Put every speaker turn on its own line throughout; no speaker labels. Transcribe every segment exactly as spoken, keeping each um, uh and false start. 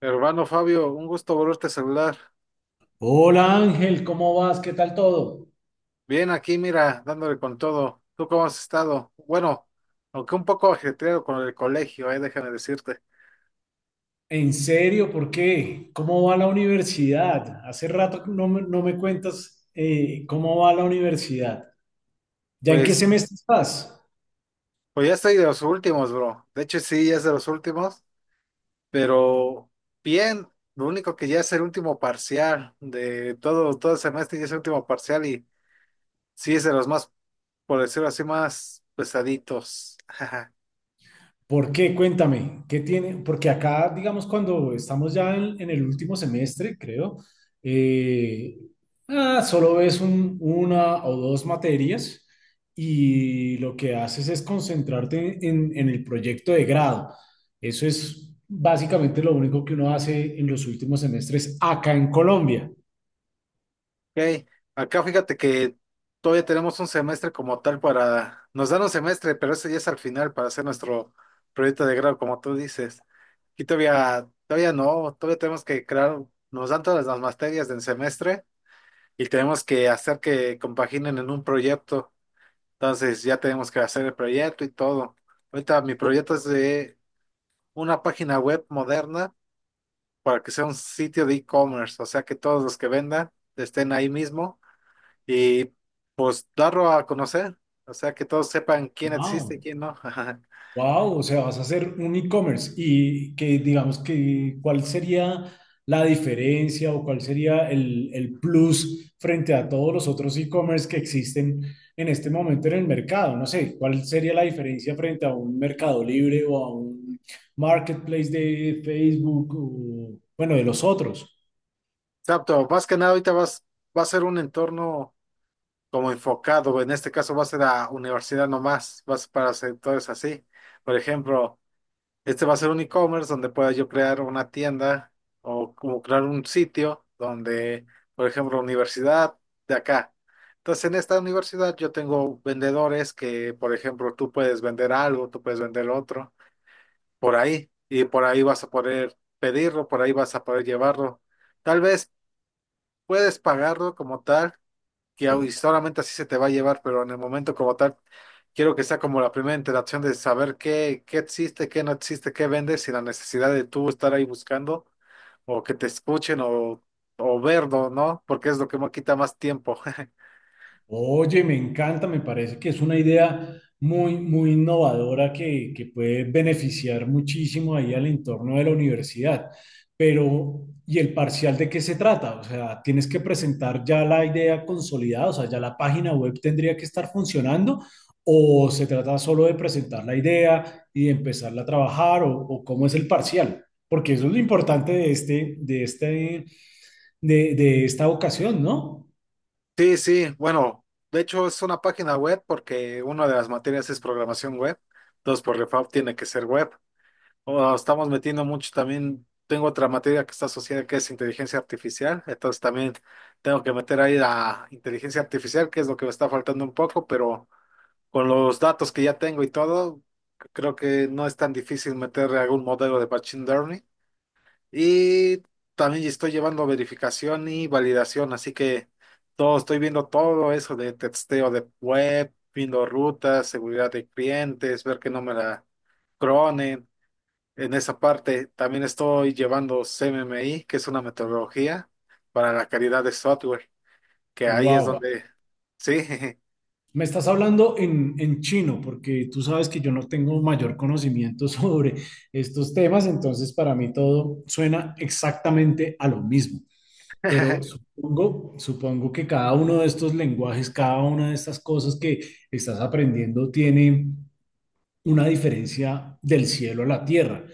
Hermano Fabio, un gusto volverte a saludar.
Hola Ángel, ¿cómo vas? ¿Qué tal todo?
Bien, aquí mira, dándole con todo. ¿Tú cómo has estado? Bueno, aunque un poco ajetreado con el colegio, eh, déjame decirte.
¿En serio? ¿Por qué? ¿Cómo va la universidad? Hace rato que no me, no me cuentas, eh, cómo va la universidad. ¿Ya en qué
Pues,
semestre estás?
pues ya estoy de los últimos, bro. De hecho, sí, ya es de los últimos, pero bien, lo único que ya es el último parcial de todo, todo el semestre, ya es el último parcial y sí es de los más, por decirlo así, más pesaditos.
¿Por qué? Cuéntame, ¿qué tiene? Porque acá, digamos, cuando estamos ya en, en el último semestre, creo, eh, ah, solo ves un- una o dos materias y lo que haces es concentrarte en, en el proyecto de grado. Eso es básicamente lo único que uno hace en los últimos semestres acá en Colombia.
Ok, acá fíjate que todavía tenemos un semestre como tal para, nos dan un semestre, pero ese ya es al final para hacer nuestro proyecto de grado, como tú dices. Aquí todavía, todavía no, todavía tenemos que crear, nos dan todas las materias del semestre y tenemos que hacer que compaginen en un proyecto. Entonces ya tenemos que hacer el proyecto y todo. Ahorita mi proyecto es de una página web moderna para que sea un sitio de e-commerce, o sea que todos los que vendan estén ahí mismo y pues darlo a conocer, o sea, que todos sepan quién existe
Wow.
y quién no.
Wow, o sea, vas a hacer un e-commerce. ¿Y, que digamos, que cuál sería la diferencia o cuál sería el, el plus frente a todos los otros e-commerce que existen en este momento en el mercado? No sé, cuál sería la diferencia frente a un Mercado Libre o a un marketplace de Facebook o, bueno, de los otros.
Exacto, más que nada ahorita vas, va a ser un entorno como enfocado, en este caso va a ser la universidad nomás, va a ser para sectores así. Por ejemplo, este va a ser un e-commerce donde pueda yo crear una tienda o como crear un sitio donde, por ejemplo, universidad de acá. Entonces, en esta universidad yo tengo vendedores que, por ejemplo, tú puedes vender algo, tú puedes vender otro. Por ahí y por ahí vas a poder pedirlo, por ahí vas a poder llevarlo. Tal vez puedes pagarlo como tal, que au- solamente así se te va a llevar, pero en el momento como tal, quiero que sea como la primera interacción de saber qué, qué existe, qué no existe, qué vendes sin la necesidad de tú estar ahí buscando o que te escuchen o, o verlo, ¿no? Porque es lo que me quita más tiempo.
Oye, me encanta, me parece que es una idea muy, muy innovadora que, que puede beneficiar muchísimo ahí al entorno de la universidad. Pero ¿y el parcial de qué se trata? O sea, ¿tienes que presentar ya la idea consolidada? O sea, ¿ya la página web tendría que estar funcionando, o se trata solo de presentar la idea y de empezarla a trabajar? O, o ¿cómo es el parcial? Porque eso es lo importante de este, de este, de, de esta ocasión, ¿no?
Sí, sí, bueno, de hecho es una página web porque una de las materias es programación web, entonces por default tiene que ser web. Bueno, estamos metiendo mucho también. Tengo otra materia que está asociada que es inteligencia artificial. Entonces también tengo que meter ahí la inteligencia artificial, que es lo que me está faltando un poco, pero con los datos que ya tengo y todo, creo que no es tan difícil meter algún modelo de machine learning. Y también estoy llevando verificación y validación, así que todo, estoy viendo todo eso de testeo de web, viendo rutas, seguridad de clientes, ver que no me la cronen. En esa parte también estoy llevando C M M I, que es una metodología para la calidad de software, que ahí es
Wow.
donde, sí,
Me estás hablando en, en chino, porque tú sabes que yo no tengo mayor conocimiento sobre estos temas, entonces para mí todo suena exactamente a lo mismo. Pero supongo, supongo que cada uno de estos lenguajes, cada una de estas cosas que estás aprendiendo tiene una diferencia del cielo a la tierra.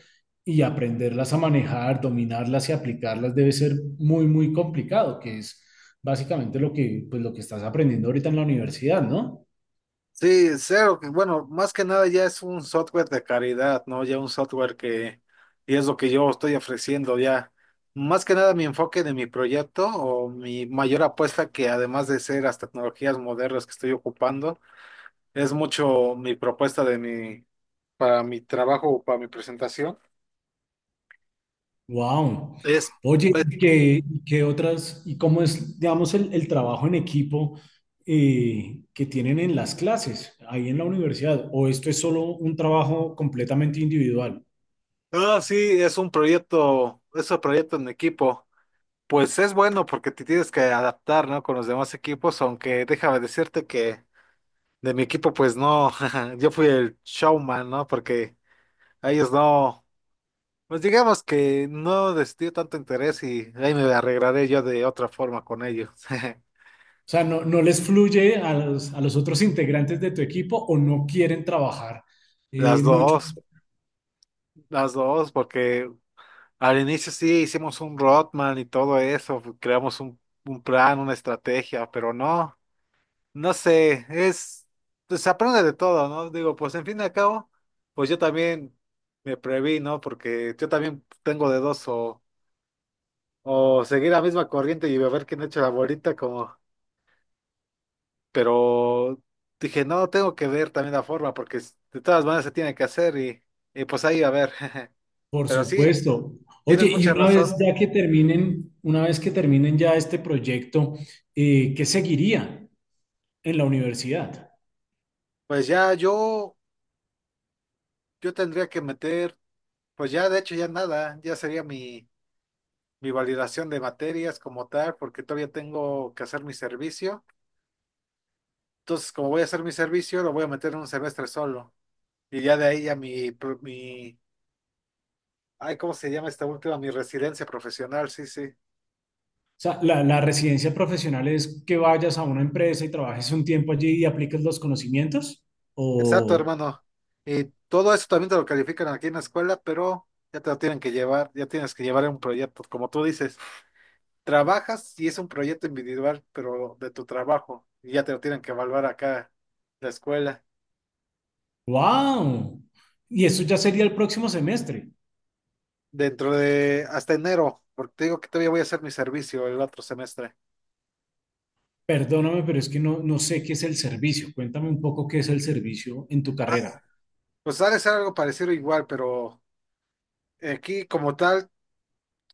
Y aprenderlas a manejar, dominarlas y aplicarlas debe ser muy, muy complicado, que es básicamente lo que, pues, lo que estás aprendiendo ahorita en la universidad, ¿no?
sí, cero, que, bueno, más que nada ya es un software de calidad, ¿no? Ya un software que, y es lo que yo estoy ofreciendo ya. Más que nada mi enfoque de mi proyecto o mi mayor apuesta que además de ser las tecnologías modernas que estoy ocupando, es mucho mi propuesta de mi, para mi trabajo, para mi presentación,
Wow.
es
Oye,
pues,
¿y ¿qué, y qué otras, y cómo es, digamos, el, el trabajo en equipo, eh, que tienen en las clases, ahí en la universidad? ¿O esto es solo un trabajo completamente individual?
ah, sí, es un proyecto, es un proyecto en equipo. Pues es bueno porque te tienes que adaptar, ¿no? Con los demás equipos, aunque déjame decirte que de mi equipo, pues no, yo fui el showman, ¿no? Porque a ellos no, pues digamos que no les dio tanto interés y ahí me arreglaré yo de otra forma con ellos.
O sea, ¿no, no les fluye a los, a los otros integrantes de tu equipo o no quieren trabajar,
Las
eh, mucho?
dos, las dos, porque al inicio sí hicimos un roadman y todo eso, creamos un, un plan, una estrategia, pero no. No sé, es, pues aprende de todo, ¿no? Digo, pues en fin y al cabo, pues yo también me preví, ¿no? Porque yo también tengo de dos o, o seguir la misma corriente y ver quién echa la bolita como, pero dije, no, tengo que ver también la forma porque s- de todas maneras se tiene que hacer y, y pues ahí a ver.
Por
Pero sí,
supuesto.
tienes
Oye, y
mucha
una
razón.
vez ya que terminen, una vez que terminen ya este proyecto, eh, ¿qué seguiría en la universidad?
Pues ya yo, yo tendría que meter, pues ya de hecho ya nada, ya sería mi mi validación de materias como tal, porque todavía tengo que hacer mi servicio. Entonces, como voy a hacer mi servicio, lo voy a meter en un semestre solo. Y ya de ahí ya mi, pro- mi, ay, ¿cómo se llama esta última? Mi residencia profesional, sí, sí.
O sea, la, la residencia profesional es que vayas a una empresa y trabajes un tiempo allí y apliques los conocimientos.
Exacto,
O,
hermano. Y todo eso también te lo califican aquí en la escuela, pero ya te lo tienen que llevar, ya tienes que llevar un proyecto. Como tú dices, trabajas y es un proyecto individual, pero de tu trabajo, y ya te lo tienen que evaluar acá en la escuela.
wow. Y eso ya sería el próximo semestre.
Dentro de hasta enero, porque te digo que todavía voy a hacer mi servicio el otro semestre.
Perdóname, pero es que no, no sé qué es el servicio. Cuéntame un poco qué es el servicio en tu
Ah,
carrera.
pues ha de ser algo parecido igual, pero aquí como tal,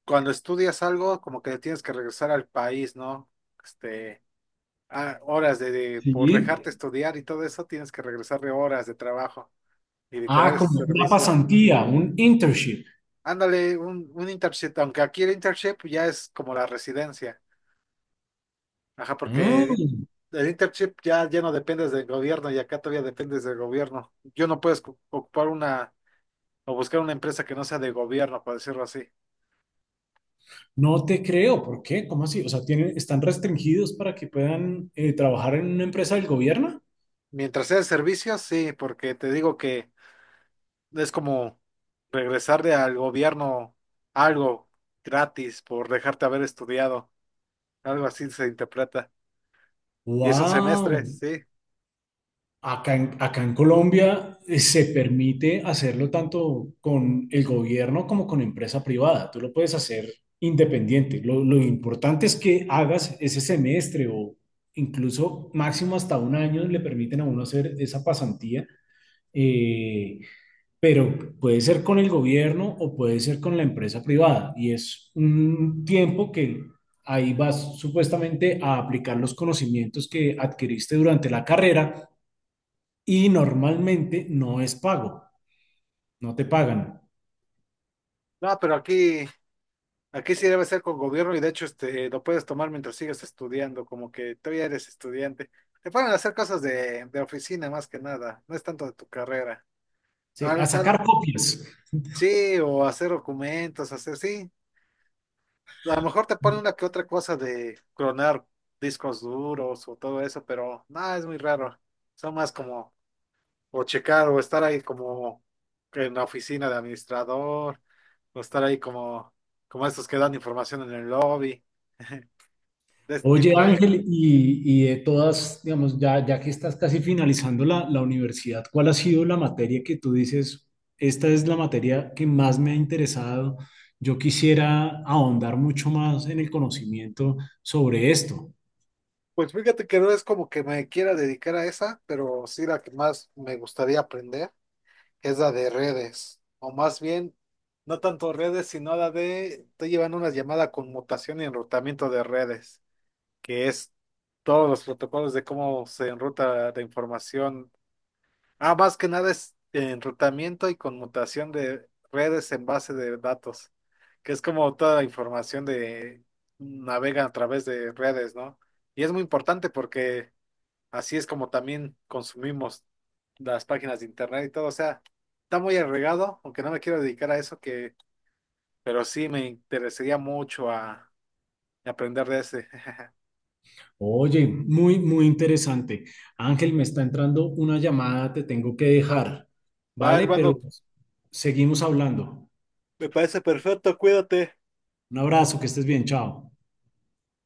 cuando estudias algo, como que tienes que regresar al país, ¿no? Este, ah, horas de, de- por
Sí.
dejarte estudiar y todo eso, tienes que regresar de horas de trabajo y literal
Ah,
es
como una
servicio.
pasantía, un internship.
Ándale, un, un internship, aunque aquí el internship ya es como la residencia. Ajá,
Ah,
porque el internship ya, ya no dependes del gobierno y acá todavía dependes del gobierno. Yo no puedes cu- ocupar una o buscar una empresa que no sea de gobierno, por decirlo así.
no te creo. ¿Por qué? ¿Cómo así? O sea, tienen, están restringidos para que puedan, eh, trabajar en una empresa del gobierno.
Mientras sea de servicios, sí, porque te digo que es como regresarle al gobierno algo gratis por dejarte haber estudiado. Algo así se interpreta. Y es un semestre,
Wow.
sí.
Acá en, acá en Colombia, eh, se permite hacerlo tanto con el gobierno como con empresa privada. Tú lo puedes hacer independiente. Lo, lo importante es que hagas ese semestre o incluso máximo hasta un año le permiten a uno hacer esa pasantía. eh, pero puede ser con el gobierno o puede ser con la empresa privada. Y es un tiempo que ahí vas supuestamente a aplicar los conocimientos que adquiriste durante la carrera y normalmente no es pago, no te pagan.
No, pero aquí aquí sí debe ser con gobierno y de hecho este, lo puedes tomar mientras sigues estudiando, como que todavía eres estudiante. Te ponen a hacer cosas de, de oficina más que nada, no es tanto de tu carrera.
Sí, a
Al- al-
sacar copias.
sí, o hacer documentos, hacer, sí. A lo mejor te ponen una que otra cosa de clonar discos duros o todo eso, pero nada es muy raro. Son más como, o checar, o estar ahí como en la oficina de administrador, o estar ahí como, como estos que dan información en el lobby. De este
Oye,
tipo de...
Ángel, y, y de todas, digamos, ya, ya que estás casi finalizando la, la universidad, ¿cuál ha sido la materia que tú dices, esta es la materia que más me ha interesado? Yo quisiera ahondar mucho más en el conocimiento sobre esto.
Pues fíjate que no es como que me quiera dedicar a esa, pero sí la que más me gustaría aprender es la de redes, o más bien, no tanto redes, sino la de, estoy llevando una llamada con mutación y enrutamiento de redes, que es todos los protocolos de cómo se enruta la información. Ah, más que nada es enrutamiento y conmutación de redes en base de datos, que es como toda la información de navega a través de redes, ¿no? Y es muy importante porque así es como también consumimos las páginas de internet y todo, o sea, está muy agregado, aunque no me quiero dedicar a eso que, pero sí me interesaría mucho a, a aprender de ese.
Oye, muy, muy interesante. Ángel, me está entrando una llamada, te tengo que dejar,
Va,
¿vale? Pero
hermano,
seguimos hablando.
me parece perfecto, cuídate.
Un abrazo, que estés bien, chao.